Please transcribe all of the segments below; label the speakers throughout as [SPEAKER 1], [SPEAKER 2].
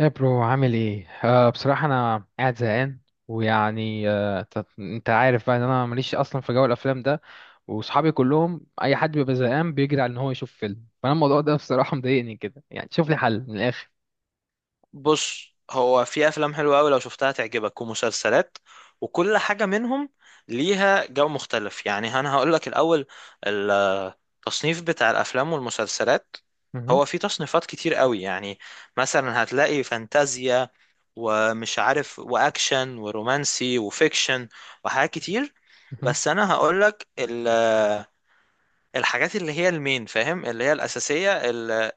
[SPEAKER 1] يا برو، عامل ايه؟ بصراحة انا قاعد زهقان. ويعني انت عارف بقى ان انا ماليش اصلا في جو الافلام ده. وصحابي كلهم اي حد بيبقى زهقان بيجري على ان هو يشوف فيلم، فانا الموضوع ده بصراحة مضايقني كده، يعني شوف لي حل من الاخر.
[SPEAKER 2] بص، هو في افلام حلوه قوي لو شفتها تعجبك ومسلسلات، وكل حاجه منهم ليها جو مختلف. يعني انا هقول لك الاول التصنيف بتاع الافلام والمسلسلات.
[SPEAKER 1] مهم.
[SPEAKER 2] هو في تصنيفات كتير قوي، يعني مثلا هتلاقي فانتازيا ومش عارف واكشن ورومانسي وفيكشن وحاجات كتير.
[SPEAKER 1] مهم.
[SPEAKER 2] بس انا هقول لك الحاجات اللي هي المين، فاهم، اللي هي الاساسيه اللي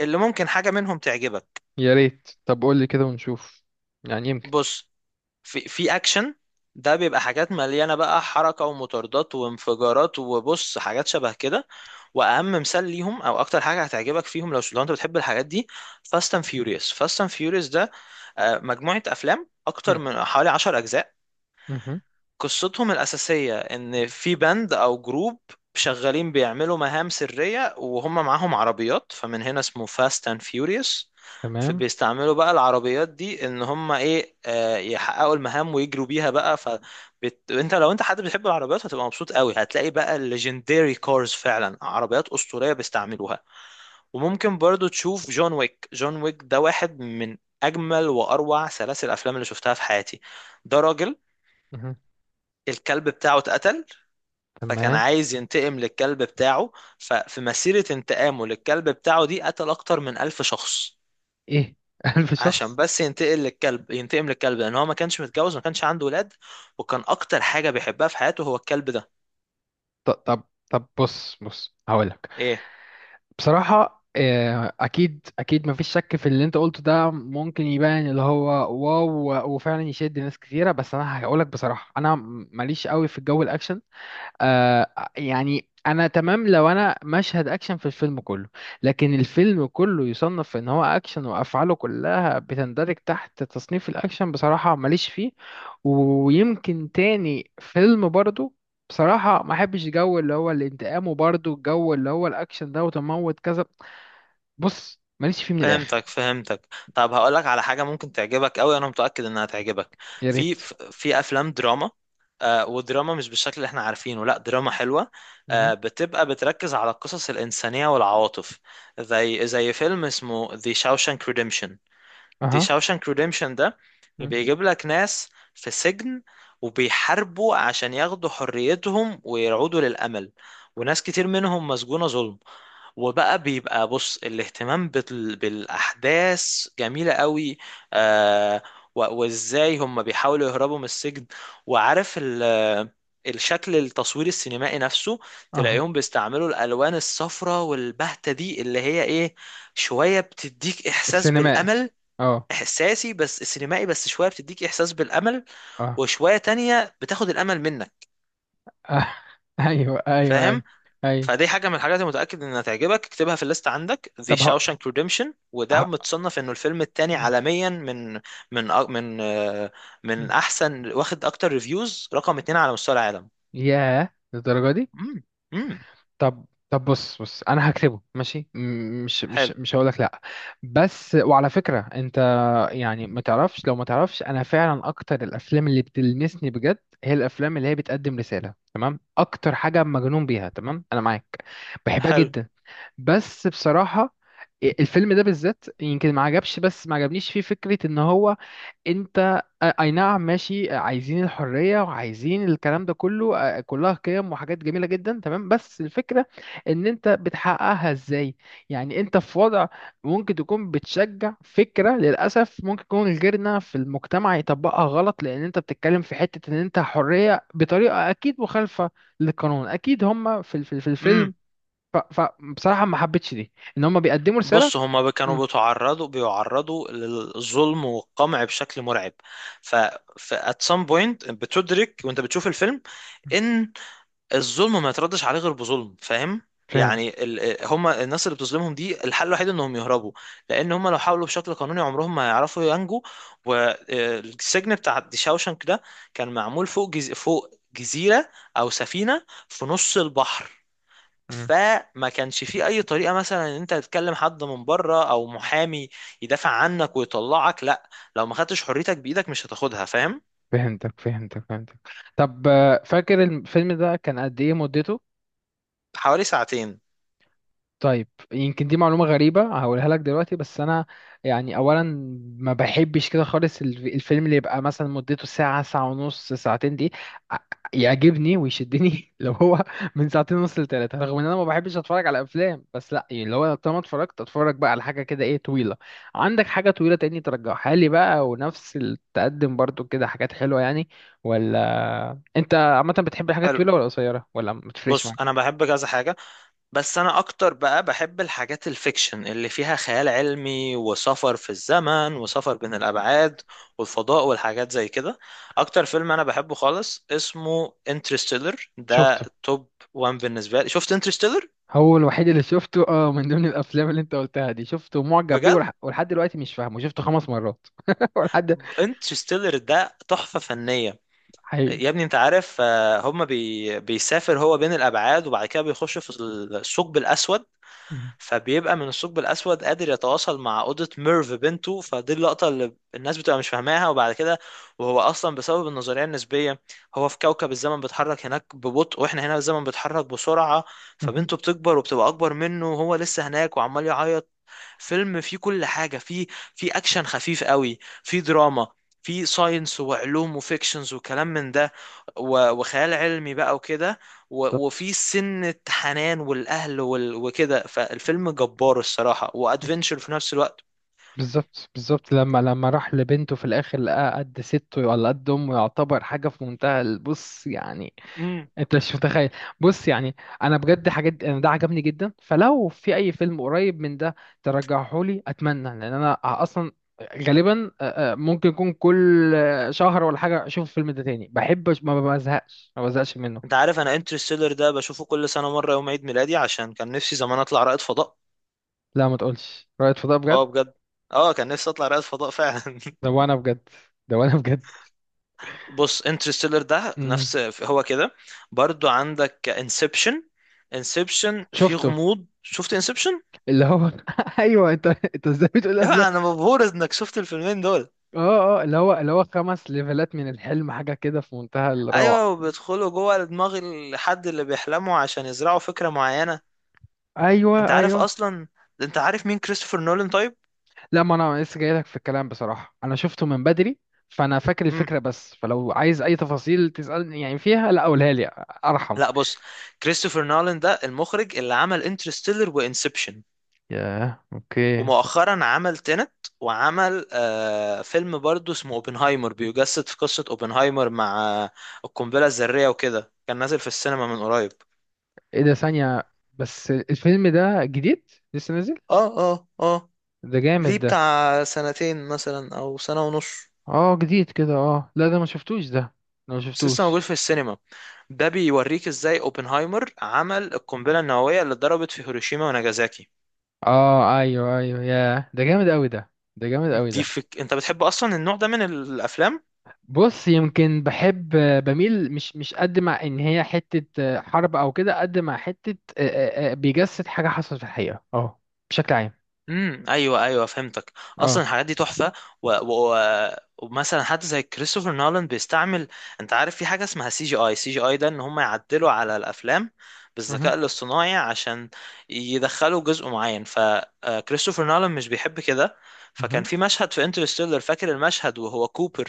[SPEAKER 2] اللي ممكن حاجه منهم تعجبك.
[SPEAKER 1] يا ريت. طب قول لي كده ونشوف. يعني يمكن.
[SPEAKER 2] بص، في اكشن، ده بيبقى حاجات مليانه بقى حركه ومطاردات وانفجارات وبص حاجات شبه كده. واهم مثال ليهم او اكتر حاجه هتعجبك فيهم لو انت بتحب الحاجات دي: فاست اند فيوريوس. ده مجموعه افلام اكتر
[SPEAKER 1] مهم.
[SPEAKER 2] من حوالي 10 اجزاء.
[SPEAKER 1] مهم.
[SPEAKER 2] قصتهم الأساسية إن في بند أو جروب شغالين بيعملوا مهام سرية وهم معاهم عربيات، فمن هنا اسمه فاست اند فيوريوس.
[SPEAKER 1] تمام.
[SPEAKER 2] فبيستعملوا بقى العربيات دي ان هم ايه، يحققوا المهام ويجروا بيها بقى. فانت لو انت حد بتحب العربيات هتبقى مبسوط قوي، هتلاقي بقى الليجندري كارز، فعلا عربيات أسطورية بيستعملوها. وممكن برضو تشوف جون ويك ده واحد من اجمل واروع سلاسل الافلام اللي شفتها في حياتي. ده راجل
[SPEAKER 1] مهم.
[SPEAKER 2] الكلب بتاعه اتقتل، فكان
[SPEAKER 1] تمام.
[SPEAKER 2] عايز ينتقم للكلب بتاعه. ففي مسيرة انتقامه للكلب بتاعه دي قتل أكتر من 1000 شخص،
[SPEAKER 1] ايه؟ ألف
[SPEAKER 2] عشان
[SPEAKER 1] شخص
[SPEAKER 2] بس ينتقل للكلب، ينتقم للكلب، لأن هو ما كانش متجوز، ما كانش عنده ولاد، وكان أكتر حاجة بيحبها في حياته هو الكلب ده.
[SPEAKER 1] طب طب، بص بص، هقولك.
[SPEAKER 2] إيه،
[SPEAKER 1] بصراحة أكيد أكيد مفيش شك في اللي أنت قلته ده، ممكن يبان اللي هو واو، وفعلا يشد ناس كتيرة. بس أنا هقولك بصراحة أنا ماليش قوي في الجو الأكشن. آه. يعني انا تمام لو انا مشهد اكشن في الفيلم كله، لكن الفيلم كله يصنف ان هو اكشن وافعاله كلها بتندرج تحت تصنيف الاكشن، بصراحة ماليش فيه. ويمكن تاني فيلم برضو، بصراحة ما احبش جو اللي هو الانتقام، وبرضو الجو اللي هو الاكشن ده وتموت كذا، بص ماليش فيه من الاخر.
[SPEAKER 2] فهمتك. طب هقولك على حاجة ممكن تعجبك أوي، أنا متأكد إنها تعجبك.
[SPEAKER 1] يا
[SPEAKER 2] في
[SPEAKER 1] ريت.
[SPEAKER 2] في أفلام دراما، آه ودراما مش بالشكل اللي احنا عارفينه، لا دراما حلوة.
[SPEAKER 1] اها.
[SPEAKER 2] آه، بتبقى بتركز على القصص الإنسانية والعواطف. زي فيلم اسمه The Shawshank Redemption. دي
[SPEAKER 1] اها.
[SPEAKER 2] شاوشانك ريديمشن ده
[SPEAKER 1] مم.
[SPEAKER 2] بيجيب لك ناس في سجن، وبيحاربوا عشان ياخدوا حريتهم ويعودوا للأمل. وناس كتير منهم مسجونة ظلم. وبقى بيبقى، بص، الاهتمام بالأحداث جميلة قوي. آه، وازاي هم بيحاولوا يهربوا من السجن. وعارف الشكل، التصوير السينمائي نفسه،
[SPEAKER 1] اها.
[SPEAKER 2] تلاقيهم بيستعملوا الألوان الصفراء والبهتة دي اللي هي ايه، شوية بتديك إحساس
[SPEAKER 1] السينمائي.
[SPEAKER 2] بالأمل.
[SPEAKER 1] اه.
[SPEAKER 2] احساسي بس سينمائي، بس شويه بتديك احساس بالامل،
[SPEAKER 1] اه.
[SPEAKER 2] وشويه تانية بتاخد الامل منك،
[SPEAKER 1] آه. ايوه ايوه ايوه.
[SPEAKER 2] فاهم.
[SPEAKER 1] ايوه.
[SPEAKER 2] فدي حاجه من الحاجات اللي متاكد انها تعجبك، اكتبها في الليست عندك: The
[SPEAKER 1] طب
[SPEAKER 2] Shawshank Redemption. وده
[SPEAKER 1] ه...
[SPEAKER 2] متصنف انه الفيلم التاني
[SPEAKER 1] مم.
[SPEAKER 2] عالميا من من أ- من آه، من
[SPEAKER 1] مم.
[SPEAKER 2] احسن، واخد اكتر ريفيوز، رقم 2 على مستوى العالم.
[SPEAKER 1] ياه للدرجة دي.
[SPEAKER 2] امم امم
[SPEAKER 1] طب طب، بص بص، انا هكتبه ماشي. م- مش مش
[SPEAKER 2] حلو
[SPEAKER 1] مش هقول لك لا. بس وعلى فكرة انت، يعني ما تعرفش، لو ما تعرفش انا فعلا اكتر الافلام اللي بتلمسني بجد هي الافلام اللي هي بتقدم رسالة، اكتر حاجة مجنون بيها، تمام؟ انا معاك، بحبها
[SPEAKER 2] حلو.
[SPEAKER 1] جدا. بس بصراحة الفيلم ده بالذات يمكن ما عجبش، بس ما عجبنيش فيه فكرة ان هو انت اي نعم ماشي عايزين الحرية وعايزين الكلام ده كله كلها قيم وحاجات جميلة جدا تمام، بس الفكرة ان انت بتحققها ازاي. يعني انت في وضع ممكن تكون بتشجع فكرة للأسف ممكن يكون غيرنا في المجتمع يطبقها غلط، لان انت بتتكلم في حتة ان انت حرية بطريقة اكيد مخالفة للقانون، اكيد هم في الفيلم.
[SPEAKER 2] امم
[SPEAKER 1] فبصراحة ما حبيتش دي، ان هم بيقدموا رسالة.
[SPEAKER 2] بص، هما كانوا
[SPEAKER 1] مم.
[SPEAKER 2] بيعرضوا للظلم والقمع بشكل مرعب. ف ف at some point بتدرك وانت بتشوف الفيلم ان الظلم ما يتردش عليه غير بظلم، فاهم.
[SPEAKER 1] فاهم.
[SPEAKER 2] يعني هما الناس اللي بتظلمهم دي الحل الوحيد انهم يهربوا، لان هما لو حاولوا بشكل قانوني عمرهم ما هيعرفوا ينجوا. والسجن بتاع دي شاوشنك ده كان معمول فوق جزيرة او سفينة في نص البحر. فما كانش فيه اي طريقه مثلا ان انت تتكلم حد من بره او محامي يدافع عنك ويطلعك، لا. لو ما خدتش حريتك بايدك مش هتاخدها، فاهم.
[SPEAKER 1] فهمتك. فهمتك. فهمتك. طب فاكر الفيلم ده كان قد ايه مدته؟
[SPEAKER 2] حوالي ساعتين.
[SPEAKER 1] طيب يمكن دي معلومة غريبة هقولها لك دلوقتي، بس أنا يعني أولا ما بحبش كده خالص الفيلم اللي يبقى مثلا مدته ساعة، ساعة ونص، ساعتين دي ع- يعجبني ويشدني لو هو من ساعتين ونص لتلاتة، رغم إن أنا ما بحبش أتفرج على أفلام، بس لأ يعني لو أنا طالما اتفرجت أتفرج بقى على حاجة كده إيه، طويلة. عندك حاجة طويلة تاني ترجعها لي بقى ونفس التقدم برضو كده، حاجات حلوة يعني؟ ولا أنت عامة بتحب الحاجات
[SPEAKER 2] حلو.
[SPEAKER 1] الطويلة ولا قصيرة ولا ما بتفرقش
[SPEAKER 2] بص انا
[SPEAKER 1] معاك؟
[SPEAKER 2] بحب كذا حاجه، بس انا اكتر بقى بحب الحاجات الفيكشن اللي فيها خيال علمي وسفر في الزمن وسفر بين الابعاد والفضاء والحاجات زي كده. اكتر فيلم انا بحبه خالص اسمه انترستيلر. ده
[SPEAKER 1] شفته.
[SPEAKER 2] توب وان بالنسبه لي. شفت انترستيلر؟
[SPEAKER 1] هو الوحيد اللي شفته، اه، من ضمن الافلام اللي انت قلتها دي، شفته، معجب بيه،
[SPEAKER 2] بجد
[SPEAKER 1] ولحد دلوقتي مش فاهمه، شفته 5 مرات ولحد.
[SPEAKER 2] انترستيلر ده تحفة فنية.
[SPEAKER 1] حقيقي.
[SPEAKER 2] يا ابني، انت عارف، هما بيسافر هو بين الابعاد، وبعد كده بيخش في الثقب الاسود.
[SPEAKER 1] مم.
[SPEAKER 2] فبيبقى من الثقب الاسود قادر يتواصل مع اوضة ميرف بنته. فدي اللقطة اللي الناس بتبقى مش فاهماها. وبعد كده، وهو اصلا بسبب النظرية النسبية، هو في كوكب الزمن بيتحرك هناك ببطء، واحنا هنا الزمن بيتحرك بسرعة.
[SPEAKER 1] مم.
[SPEAKER 2] فبنته بتكبر وبتبقى اكبر منه وهو لسه هناك وعمال يعيط. فيلم فيه كل حاجة. فيه فيه أكشن خفيف قوي، فيه دراما، فيه ساينس وعلوم وفيكشنز وكلام من ده، وخيال علمي بقى وكده،
[SPEAKER 1] بالظبط.
[SPEAKER 2] وفيه سنة حنان والأهل وكده. فالفيلم جبار الصراحة، وأدفنشر في نفس الوقت.
[SPEAKER 1] بالظبط بالظبط، لما راح لبنته في الاخر لقاها قد سته ولا قد امه، يعتبر حاجه في منتهى البص يعني،
[SPEAKER 2] امم
[SPEAKER 1] انت مش متخيل. بص يعني انا بجد حاجات، انا ده عجبني جدا، فلو في اي فيلم قريب من ده ترجعه لي، اتمنى، لان انا اصلا غالبا ممكن يكون كل شهر ولا حاجه اشوف الفيلم ده تاني. بحب ما بزهقش ما بزهقش منه.
[SPEAKER 2] انت عارف، انا انترستيلر ده بشوفه كل سنة مرة يوم عيد ميلادي عشان كان نفسي زمان اطلع رائد فضاء.
[SPEAKER 1] لا ما تقولش رائد فضاء بجد.
[SPEAKER 2] اه بجد، اه كان نفسي اطلع رائد فضاء فعلا
[SPEAKER 1] ده وانا بجد. ده وانا بجد.
[SPEAKER 2] بص انترستيلر ده
[SPEAKER 1] امم.
[SPEAKER 2] نفس هو كده. برضو عندك انسبشن. انسبشن فيه
[SPEAKER 1] شفته.
[SPEAKER 2] غموض. شفت انسبشن؟
[SPEAKER 1] اللي هو ايوه. انت ازاي بتقول افلام.
[SPEAKER 2] ايوه، انا مبهور انك شفت الفيلمين دول.
[SPEAKER 1] اه اه، اللي هو 5 ليفلات من الحلم، حاجه كده في منتهى الروعه.
[SPEAKER 2] ايوه، وبيدخلوا جوه دماغ الحد اللي بيحلموا عشان يزرعوا فكرة معينة. انت
[SPEAKER 1] ايوه
[SPEAKER 2] عارف
[SPEAKER 1] ايوه.
[SPEAKER 2] اصلا، انت عارف مين كريستوفر نولان، طيب؟
[SPEAKER 1] لا ما انا لسه جاي لك في الكلام، بصراحه انا شفته من بدري، فانا فاكر
[SPEAKER 2] امم
[SPEAKER 1] الفكره بس، فلو عايز اي تفاصيل تسالني يعني فيها، لا قولها لي، ارحم.
[SPEAKER 2] لا بص، كريستوفر نولان ده المخرج اللي عمل انترستيلر وانسبشن.
[SPEAKER 1] ياه، اوكي. طب،
[SPEAKER 2] ومؤخرا عمل تينت، وعمل آه فيلم برضو اسمه اوبنهايمر، بيجسد في قصة اوبنهايمر مع القنبلة الذرية وكده، كان نازل في السينما من قريب.
[SPEAKER 1] ايه ده؟ ثانيه بس، الفيلم ده جديد؟ لسه نازل؟
[SPEAKER 2] اه اه اه.
[SPEAKER 1] ده جامد
[SPEAKER 2] ليه،
[SPEAKER 1] ده.
[SPEAKER 2] بتاع سنتين مثلا او سنة ونص،
[SPEAKER 1] اه جديد كده. اه لا ده ما شفتوش ده. انا ما
[SPEAKER 2] بس لسه موجود
[SPEAKER 1] شفتوش.
[SPEAKER 2] في السينما. ده بيوريك ازاي اوبنهايمر عمل القنبلة النووية اللي اتضربت في هيروشيما وناجازاكي.
[SPEAKER 1] اه ايوه ايوه، ياه، ده جامد قوي ده، ده جامد قوي ده.
[SPEAKER 2] انت بتحب اصلا النوع ده من الافلام؟
[SPEAKER 1] بص يمكن بحب، بميل، مش قد، مع ان هي حتة حرب او كده، قد مع حتة بيجسد حاجة حصلت في الحقيقة، اه، بشكل عام.
[SPEAKER 2] ايوه ايوه فهمتك. اصلا
[SPEAKER 1] اه.
[SPEAKER 2] الحاجات دي تحفه. و... و... و- ومثلا حد زي كريستوفر نولان بيستعمل، انت عارف في حاجه اسمها سي جي اي. ده ان هم يعدلوا على الافلام
[SPEAKER 1] مهم.
[SPEAKER 2] بالذكاء الاصطناعي عشان يدخلوا جزء معين. فكريستوفر نولان مش بيحب كده. فكان
[SPEAKER 1] مهم.
[SPEAKER 2] في مشهد في انترستيلر، فاكر المشهد وهو كوبر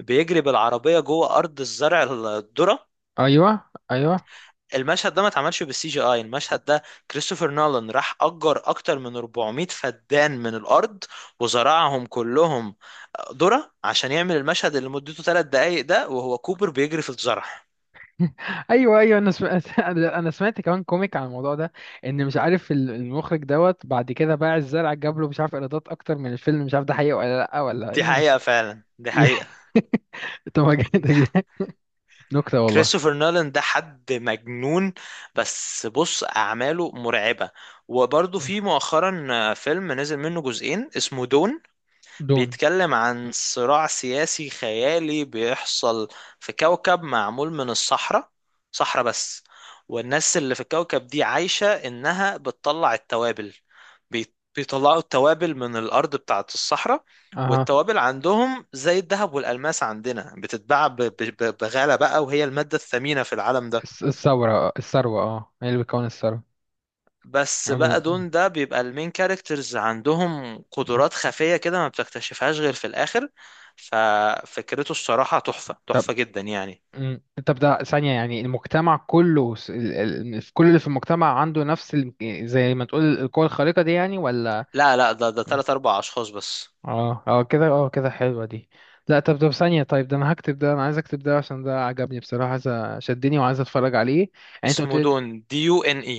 [SPEAKER 2] بيجري بالعربيه جوه ارض الزرع الذره؟
[SPEAKER 1] ايوه ايوه
[SPEAKER 2] المشهد ده ما اتعملش بالسي جي اي. المشهد ده كريستوفر نولان راح اجر اكتر من 400 فدان من الارض وزرعهم كلهم ذرة عشان يعمل المشهد اللي مدته 3 دقايق ده وهو كوبر بيجري في الزرع.
[SPEAKER 1] ايوه ايوه، انا سمعت انا سمعت كمان كوميك عن الموضوع ده، ان مش عارف المخرج دوت بعد كده باع الزرع، جاب له مش عارف ايرادات اكتر من الفيلم، مش عارف ده حقيقة ولا لا ولا
[SPEAKER 2] دي
[SPEAKER 1] ايه،
[SPEAKER 2] حقيقة
[SPEAKER 1] بس.
[SPEAKER 2] فعلا، دي حقيقة.
[SPEAKER 1] طب ما
[SPEAKER 2] دي
[SPEAKER 1] جامد-.
[SPEAKER 2] حقيقة.
[SPEAKER 1] نكتة والله.
[SPEAKER 2] كريستوفر نولان ده حد مجنون، بس بص أعماله مرعبة. وبرضه في مؤخرا فيلم نزل منه جزئين اسمه دون.
[SPEAKER 1] دون.
[SPEAKER 2] بيتكلم عن صراع سياسي خيالي بيحصل في كوكب معمول من الصحراء، صحراء بس. والناس اللي في الكوكب دي عايشة إنها بتطلع التوابل. بيطلعوا التوابل من الأرض بتاعة الصحراء.
[SPEAKER 1] اها.
[SPEAKER 2] والتوابل عندهم زي الذهب والألماس عندنا، بتتباع بغالة بقى، وهي المادة الثمينة في العالم ده.
[SPEAKER 1] الثورة، الثروة، اه، هي اللي بتكون الثروة.
[SPEAKER 2] بس بقى
[SPEAKER 1] عم-
[SPEAKER 2] دون ده بيبقى المين كاركترز عندهم قدرات خفية كده ما بتكتشفهاش غير في الآخر. ففكرته الصراحة تحفة
[SPEAKER 1] طب.
[SPEAKER 2] تحفة جدا يعني.
[SPEAKER 1] مم. طب ده ثانية، يعني المجتمع كله في كل اللي في المجتمع عنده نفس زي ما تقول القوة الخارقة دي، يعني ولا؟
[SPEAKER 2] لا لا، ده
[SPEAKER 1] مم.
[SPEAKER 2] تلات أربع أشخاص بس.
[SPEAKER 1] اه، اه كده، اه كده حلوة دي. لا طب ده ثانية، طيب، ده انا هكتب ده، انا عايز اكتب ده عشان ده عجبني بصراحة، عايز شدني وعايز اتفرج عليه. يعني انت قلت
[SPEAKER 2] اسمه
[SPEAKER 1] لي.
[SPEAKER 2] دون، دي يو إن إي.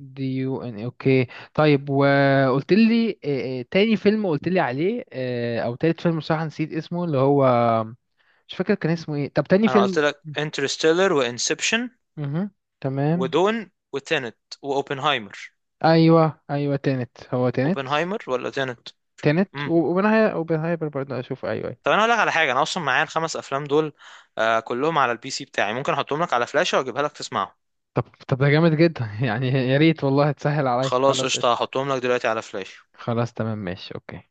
[SPEAKER 1] DUN. اوكي. طيب وقلت لي تاني فيلم قلت لي عليه او تالت فيلم، بصراحة نسيت اسمه اللي هو، مش فاكر كان اسمه ايه. طب تاني
[SPEAKER 2] أنا قلت
[SPEAKER 1] فيلم؟
[SPEAKER 2] لك انترستيلر وإنسبشن
[SPEAKER 1] امم. تمام.
[SPEAKER 2] ودون وتينت وأوبنهايمر.
[SPEAKER 1] ايوه ايوه، تانت، هو تانت.
[SPEAKER 2] أوبنهايمر ولا تينت؟
[SPEAKER 1] تانت
[SPEAKER 2] مم.
[SPEAKER 1] وبنهاية وبنهاية برضه اشوف، ايوه ايوه.
[SPEAKER 2] طب أنا هقول لك على حاجة. أنا أصلا معايا الخمس أفلام دول، آه كلهم على البي سي بتاعي. ممكن أحطهم لك على فلاشة وأجيبها لك تسمعهم.
[SPEAKER 1] طب طب، ده جامد جدا يعني يا ريت والله، تسهل عليا،
[SPEAKER 2] خلاص
[SPEAKER 1] خلاص
[SPEAKER 2] قشطة،
[SPEAKER 1] قشطة.
[SPEAKER 2] هحطهم لك دلوقتي على فلاشة.
[SPEAKER 1] خلاص تمام ماشي اوكي.